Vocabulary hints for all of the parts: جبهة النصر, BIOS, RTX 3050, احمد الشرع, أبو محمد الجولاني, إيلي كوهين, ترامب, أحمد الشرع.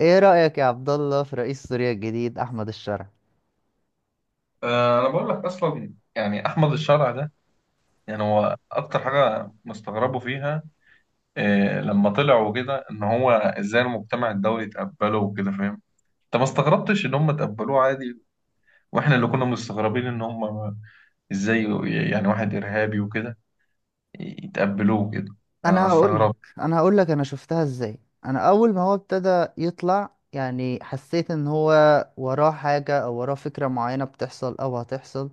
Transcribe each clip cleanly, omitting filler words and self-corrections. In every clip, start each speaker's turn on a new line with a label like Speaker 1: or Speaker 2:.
Speaker 1: ايه رأيك يا عبد الله في رئيس سوريا الجديد احمد الشرع؟
Speaker 2: انا بقول لك اصلا يعني احمد الشرع ده. يعني هو اكتر حاجه مستغربه فيها. لما طلع وكده ان هو ازاي المجتمع الدولي تقبله وكده، فاهم؟ انت ما استغربتش ان هم تقبلوه عادي، واحنا اللي كنا مستغربين ان هم ازاي، يعني واحد ارهابي وكده يتقبلوه كده. انا
Speaker 1: انا هقول لك
Speaker 2: استغربت.
Speaker 1: انا هقول لك انا شفتها ازاي. انا اول ما هو ابتدى يطلع يعني حسيت ان هو وراه حاجة او وراه فكرة معينة بتحصل او هتحصل،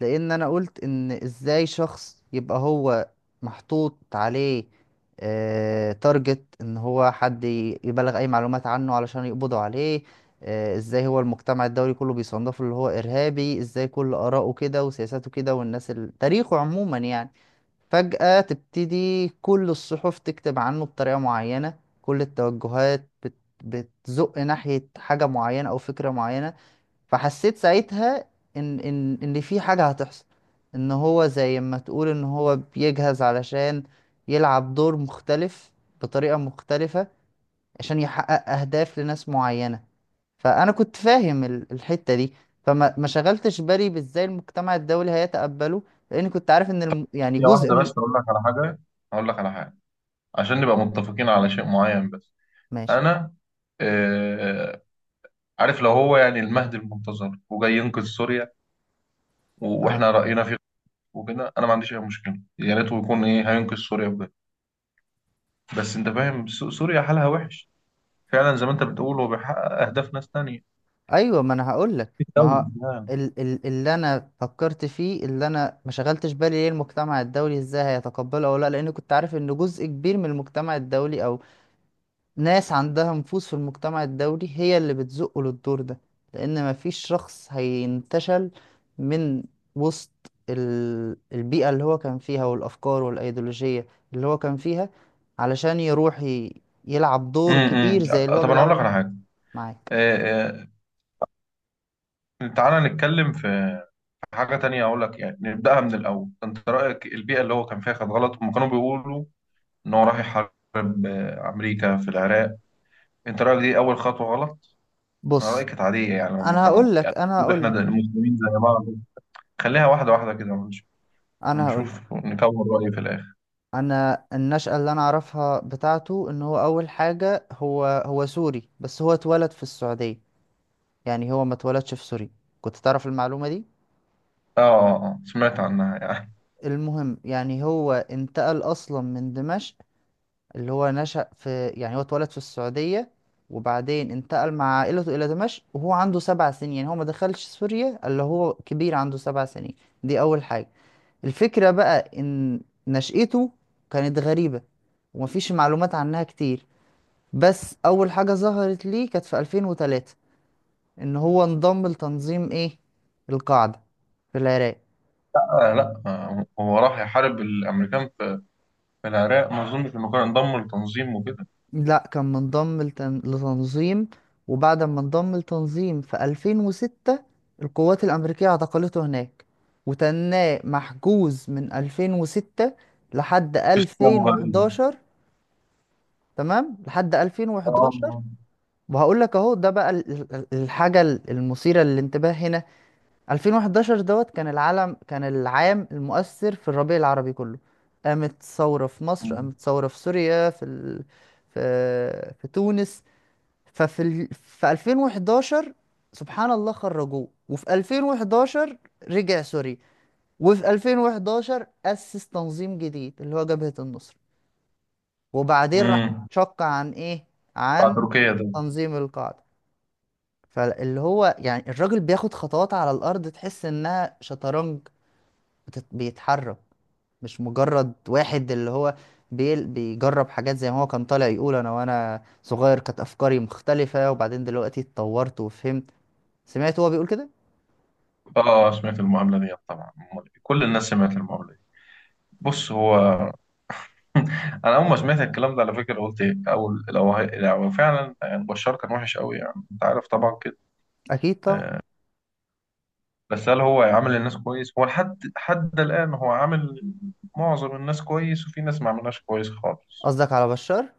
Speaker 1: لان انا قلت ان ازاي شخص يبقى هو محطوط عليه، تارجت ان هو حد يبلغ اي معلومات عنه علشان يقبضوا عليه. ازاي هو المجتمع الدولي كله بيصنفه اللي هو ارهابي، ازاي كل اراءه كده وسياساته كده والناس تاريخه عموما يعني، فجأة تبتدي كل الصحف تكتب عنه بطريقة معينة، كل التوجهات بتزق ناحية حاجة معينة أو فكرة معينة. فحسيت ساعتها ان في حاجة هتحصل، ان هو زي ما تقول ان هو بيجهز علشان يلعب دور مختلف بطريقة مختلفة عشان يحقق اهداف لناس معينة. فانا كنت فاهم الحتة دي. فما ما شغلتش بالي بازاي المجتمع الدولي هيتقبله، لاني كنت عارف ان يعني
Speaker 2: هي
Speaker 1: جزء
Speaker 2: واحده
Speaker 1: من.
Speaker 2: بس، اقول لك على حاجه عشان نبقى متفقين على شيء معين بس.
Speaker 1: ماشي.
Speaker 2: انا آه، عارف لو هو يعني المهدي المنتظر وجاي ينقذ سوريا
Speaker 1: آه.
Speaker 2: واحنا راينا فيه وكده، انا ما عنديش اي مشكله، يا ريت يكون ايه هينقذ سوريا بجد. بس انت فاهم، سوريا حالها وحش فعلا، زي ما انت بتقول هو بيحقق اهداف ناس تانية
Speaker 1: ايوه، ما انا هقول لك
Speaker 2: في
Speaker 1: ما
Speaker 2: الدولة
Speaker 1: هو
Speaker 2: يعني.
Speaker 1: اللي انا فكرت فيه، اللي انا ما شغلتش بالي ليه المجتمع الدولي ازاي هيتقبله او لا، لان كنت عارف ان جزء كبير من المجتمع الدولي او ناس عندها نفوذ في المجتمع الدولي هي اللي بتزقه للدور ده. لان ما فيش شخص هينتشل من وسط البيئة اللي هو كان فيها والافكار والايديولوجية اللي هو كان فيها، علشان يروح يلعب دور
Speaker 2: امم.
Speaker 1: كبير زي اللي هو
Speaker 2: طب انا اقول لك
Speaker 1: بيلعبه.
Speaker 2: على حاجه.
Speaker 1: معاك.
Speaker 2: آه، تعالى نتكلم في حاجه تانية، اقول لك يعني نبداها من الاول. انت رايك البيئه اللي هو كان فيها كانت غلط؟ هم كانوا بيقولوا ان هو راح يحارب امريكا في العراق. انت رايك دي اول خطوه غلط؟ انا رايي
Speaker 1: بص،
Speaker 2: كانت عاديه، يعني هم
Speaker 1: انا
Speaker 2: كانوا
Speaker 1: هقول
Speaker 2: يعني
Speaker 1: لك انا
Speaker 2: المفروض
Speaker 1: هقول
Speaker 2: احنا
Speaker 1: لك
Speaker 2: المسلمين زي بعض. خليها واحده واحده كده
Speaker 1: انا هقول لك
Speaker 2: ونشوف نكون رأي في الآخر.
Speaker 1: انا النشأة اللي انا اعرفها بتاعته، ان هو اول حاجة هو سوري بس هو اتولد في السعودية، يعني هو ما اتولدش في سوريا. كنت تعرف المعلومة دي؟
Speaker 2: آه، آه، آه، سمعت عنها يعني.
Speaker 1: المهم يعني هو انتقل اصلا من دمشق اللي هو نشأ في، يعني هو اتولد في السعودية وبعدين انتقل مع عائلته الى دمشق وهو عنده 7 سنين، يعني هو ما دخلش سوريا الا هو كبير عنده 7 سنين. دي اول حاجة. الفكرة بقى إن نشأته كانت غريبة ومفيش معلومات عنها كتير، بس أول حاجة ظهرت ليه كانت في 2003، إن هو انضم لتنظيم إيه، القاعدة، في العراق.
Speaker 2: لا، لا، هو راح يحارب الأمريكان في في العراق، ما أظنش إنه كان انضم لتنظيم وكده.
Speaker 1: لا كان منضم لتنظيم، وبعد ما انضم لتنظيم في 2006 القوات الأمريكية اعتقلته هناك، وتناه محجوز من 2006 لحد
Speaker 2: في إسلام غريب.
Speaker 1: 2011. تمام. لحد
Speaker 2: آه.
Speaker 1: 2011 وهقول لك اهو ده بقى الحاجة المثيرة للانتباه هنا. 2011 دوت كان العالم، كان العام المؤثر في الربيع العربي كله، قامت ثورة في مصر، قامت ثورة في سوريا، في في تونس. ففي في 2011 سبحان الله خرجوه، وفي 2011 رجع سوري، وفي 2011 أسس تنظيم جديد اللي هو جبهة النصر. وبعدين راح
Speaker 2: امم.
Speaker 1: شق عن ايه،
Speaker 2: بتاع
Speaker 1: عن
Speaker 2: تركيا ده.
Speaker 1: تنظيم القاعدة. فاللي هو يعني الراجل بياخد خطوات على الأرض تحس إنها شطرنج، بيتحرك. مش مجرد واحد اللي هو بيجرب حاجات زي ما هو كان طالع يقول أنا وأنا صغير كانت أفكاري مختلفة وبعدين دلوقتي اتطورت وفهمت. سمعت هو بيقول كده؟
Speaker 2: آه، آه، سمعت المقابلة دي طبعا. كل الناس سمعت المقابلة دي. بص هو أنا أول ما سمعت الكلام ده على فكرة قلت إيه، لو فعلا يعني بشار كان وحش قوي، يعني أنت عارف طبعا كده.
Speaker 1: أكيد طبعا.
Speaker 2: بس هل هو عامل الناس كويس؟ هو لحد الآن هو عامل معظم الناس كويس، وفي ناس ما عملناش كويس خالص.
Speaker 1: قصدك على بشار؟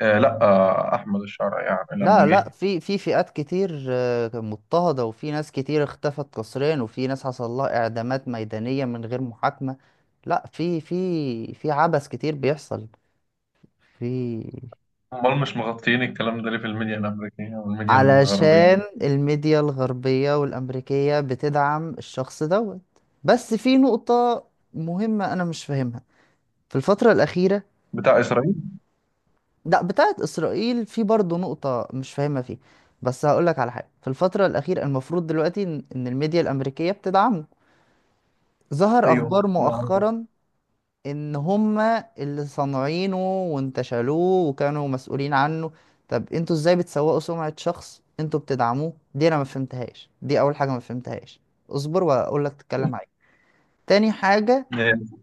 Speaker 2: آه، لا، أحمد الشرع يعني
Speaker 1: لا
Speaker 2: لما جه.
Speaker 1: لا، في فئات كتير مضطهدة، وفي ناس كتير اختفت قسريا، وفي ناس حصل لها إعدامات ميدانية من غير محاكمة. لا في عبث كتير بيحصل في.
Speaker 2: امال مش مغطيين الكلام ده ليه في الميديا الأمريكية والميديا الغربية؟
Speaker 1: علشان الميديا الغربية والأمريكية بتدعم الشخص دوت. بس في نقطة مهمة أنا مش فاهمها في الفترة الأخيرة.
Speaker 2: بتاع إسرائيل.
Speaker 1: لا بتاعت إسرائيل في برضه نقطة مش فاهمها فيه، بس هقولك على حاجة في الفترة الأخيرة، المفروض دلوقتي إن الميديا الأمريكية بتدعمه، ظهر
Speaker 2: ايوه،
Speaker 1: أخبار
Speaker 2: نعم.
Speaker 1: مؤخرا ان هما اللي صانعينه وانتشلوه وكانوا مسؤولين عنه. طب انتوا ازاي بتسوقوا سمعة شخص انتوا بتدعموه؟ دي انا ما فهمتهاش، دي اول حاجة ما فهمتهاش. اصبر واقول لك، تتكلم معايا. تاني حاجة،
Speaker 2: آه،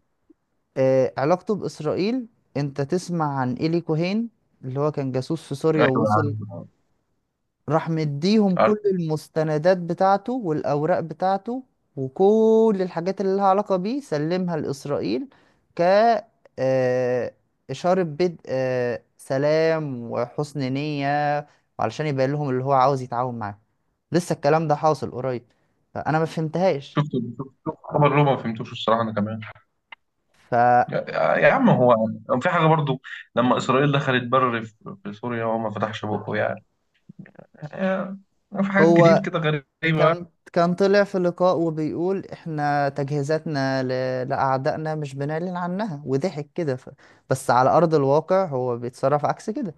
Speaker 1: آه، علاقته باسرائيل. انت تسمع عن إيلي كوهين اللي هو كان جاسوس في سوريا
Speaker 2: أيوه عارف،
Speaker 1: ووصل، راح مديهم
Speaker 2: عارف.
Speaker 1: كل المستندات بتاعته والأوراق بتاعته وكل الحاجات اللي لها علاقة بيه سلمها لإسرائيل ك، آه، إشارة بدء سلام وحسن نية، وعلشان يبين لهم اللي هو عاوز يتعاون معاه. لسه الكلام ده حاصل قريب، فأنا ما فهمتهاش.
Speaker 2: شفت، شفت خبر له ما فهمتوش الصراحة أنا كمان.
Speaker 1: فهو
Speaker 2: يا عم، هو في حاجة برضو، لما إسرائيل دخلت في سوريا هو ما فتحش بقه يعني. آه، في حاجات كتير كده غريبة.
Speaker 1: كان، كان طلع في لقاء وبيقول احنا تجهيزاتنا لأعدائنا مش بنعلن عنها وضحك كده، بس على أرض الواقع هو بيتصرف عكس كده،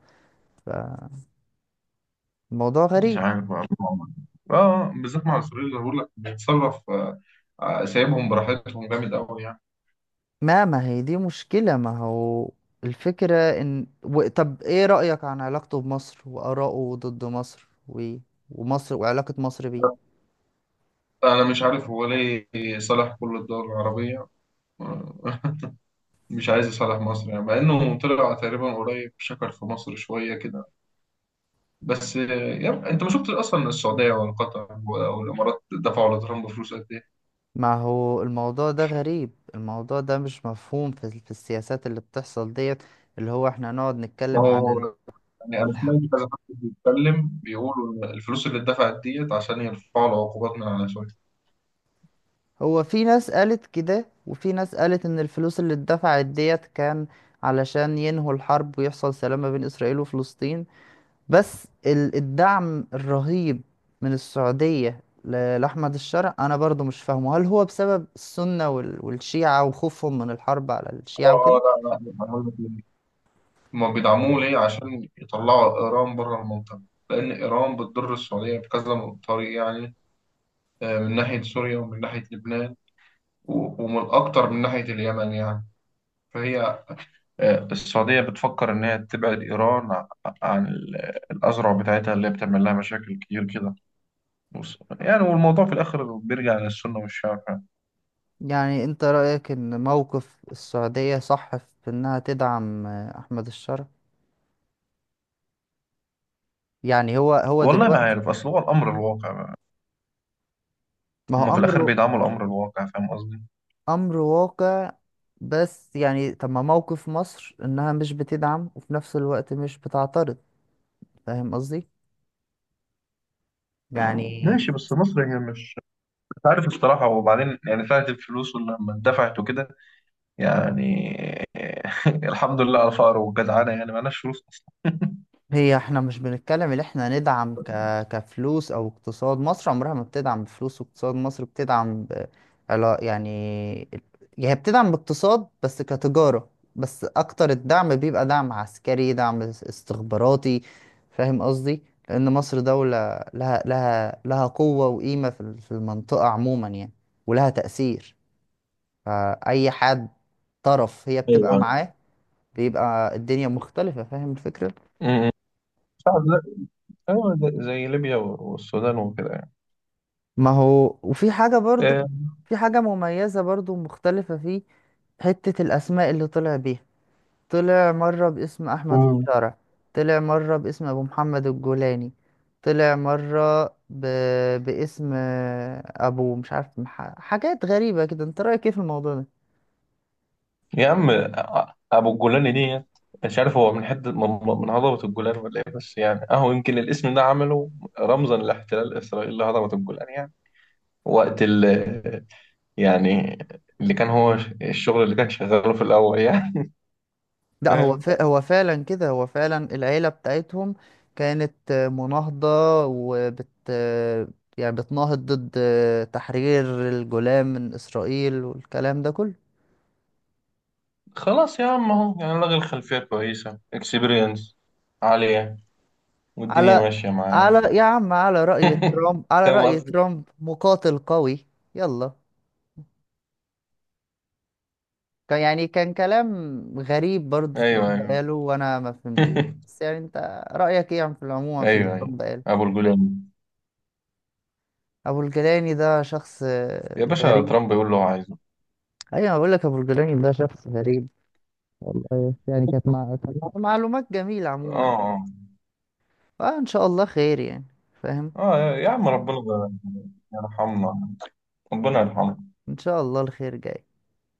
Speaker 1: فالموضوع
Speaker 2: مش
Speaker 1: غريب.
Speaker 2: عارف بقى، الله أعلم. اه، بالذات مع السوريين اللي بقول لك بيتصرف، سايبهم براحتهم جامد قوي يعني.
Speaker 1: ما هي دي مشكلة، ما هو الفكرة ان طب ايه رأيك عن علاقته بمصر وآراءه ضد مصر ومصر وعلاقة مصر بيه.
Speaker 2: انا مش عارف هو ليه صالح كل الدول العربيه، آه، مش عايز يصالح مصر يعني، مع انه طلع تقريبا قريب شكر في مصر شويه كده. بس يعني انت ما شفتش اصلا، السعوديه ولا قطر والامارات دفعوا لترامب فلوس قد ايه؟
Speaker 1: ما هو الموضوع ده غريب، الموضوع ده مش مفهوم في السياسات اللي بتحصل ديت، اللي هو احنا نقعد
Speaker 2: ما
Speaker 1: نتكلم عن
Speaker 2: هو يعني انا
Speaker 1: الح-
Speaker 2: سمعت كذا حد بيتكلم بيقولوا إن الفلوس اللي اتدفعت ديت عشان يرفعوا العقوبات من على سوريا.
Speaker 1: هو في ناس قالت كده وفي ناس قالت ان الفلوس اللي اتدفعت ديت كان علشان ينهوا الحرب ويحصل سلام ما بين اسرائيل وفلسطين. بس الدعم الرهيب من السعودية لأحمد الشرع انا برضو مش فاهمه، هل هو بسبب السنة والشيعة وخوفهم من الحرب على
Speaker 2: اه،
Speaker 1: الشيعة وكده؟
Speaker 2: لا لا، هما بيدعموه ليه عشان يطلعوا إيران بره المنطقة، لأن إيران بتضر السعودية بكذا طريق يعني. من ناحية سوريا ومن ناحية لبنان و- ومن أكتر من ناحية اليمن يعني. فهي السعودية بتفكر إن هي تبعد إيران عن الأزرع بتاعتها اللي هي بتعمل لها مشاكل كتير كده. بص، يعني والموضوع في الآخر بيرجع للسنة والشعب يعني.
Speaker 1: يعني انت رأيك ان موقف السعودية صح في انها تدعم احمد الشرع؟ يعني هو
Speaker 2: والله ما
Speaker 1: دلوقتي
Speaker 2: عارف، أصل هو الأمر الواقع،
Speaker 1: ما
Speaker 2: هما
Speaker 1: هو
Speaker 2: في الآخر
Speaker 1: امره
Speaker 2: بيدعموا الأمر الواقع، فاهم قصدي؟
Speaker 1: امر واقع. بس يعني طب ما موقف مصر انها مش بتدعم وفي نفس الوقت مش بتعترض، فاهم قصدي؟ يعني
Speaker 2: ماشي، بس مصر هي مش عارف الصراحة. وبعدين يعني ساعة الفلوس ولما اتدفعت وكده يعني، الحمد لله على الفقر والجدعانة، يعني معناش فلوس أصلا.
Speaker 1: هي احنا مش بنتكلم ان احنا ندعم كفلوس او اقتصاد، مصر عمرها ما بتدعم بفلوس واقتصاد، مصر بتدعم يعني هي بتدعم باقتصاد بس كتجارة، بس اكتر الدعم بيبقى دعم عسكري، دعم استخباراتي، فاهم قصدي؟ لان مصر دولة لها قوة وقيمة في في المنطقة عموما يعني، ولها تأثير، فأي حد طرف هي بتبقى
Speaker 2: ايوه.
Speaker 1: معاه بيبقى الدنيا مختلفة، فاهم الفكرة؟
Speaker 2: امم. ساعة زي، أيوة زي ليبيا والسودان وكده يعني.
Speaker 1: ما هو وفي حاجة برضو،
Speaker 2: آه،
Speaker 1: في حاجة مميزة برضو مختلفة فيه، حتة الأسماء اللي طلع بيها، طلع مرة باسم أحمد
Speaker 2: امم.
Speaker 1: الشارع، طلع مرة باسم أبو محمد الجولاني، طلع مرة باسم أبو مش عارف حاجات غريبة كده، أنت رأيك إيه في الموضوع ده؟
Speaker 2: يا عم، أبو الجولان دي مش عارف، هو من حتة، من هضبة الجولان ولا إيه؟ بس يعني أهو يمكن الاسم ده عمله رمزا لاحتلال إسرائيل لهضبة الجولان يعني. وقت يعني اللي كان هو الشغل اللي كان شغاله في الأول يعني.
Speaker 1: لا هو
Speaker 2: فاهم.
Speaker 1: هو فعلا كده، هو فعلا العيلة بتاعتهم كانت مناهضة وبت يعني بتناهض ضد تحرير الجولان من إسرائيل والكلام ده كله.
Speaker 2: خلاص يا عم، اهو يعني لغي، الخلفية كويسة، اكسبيرينس عالية والدنيا
Speaker 1: على
Speaker 2: ماشية معاه.
Speaker 1: على يا عم، على رأي ترامب، على
Speaker 2: فاهم
Speaker 1: رأي
Speaker 2: قصدي؟
Speaker 1: ترامب مقاتل قوي. يلا كان يعني كان كلام غريب برضه
Speaker 2: ايوه
Speaker 1: ترامب
Speaker 2: ايوه.
Speaker 1: قاله وأنا ما فهمتوش، بس يعني أنت رأيك إيه عم في العموم في اللي
Speaker 2: ايوه ايوه.
Speaker 1: ترامب قاله؟
Speaker 2: ابو الجولان.
Speaker 1: أبو الجيلاني ده شخص
Speaker 2: يا باشا،
Speaker 1: غريب.
Speaker 2: ترامب يقول له هو عايزه.
Speaker 1: ايوه بقول لك ابو الجولاني ده شخص غريب، والله يعني كانت معلومات جميله
Speaker 2: اه
Speaker 1: عموما،
Speaker 2: اه.
Speaker 1: فان شاء الله خير يعني، فاهم؟
Speaker 2: اه، يا عم، ربنا يرحمنا. ربنا يرحمنا.
Speaker 1: ان شاء الله الخير جاي.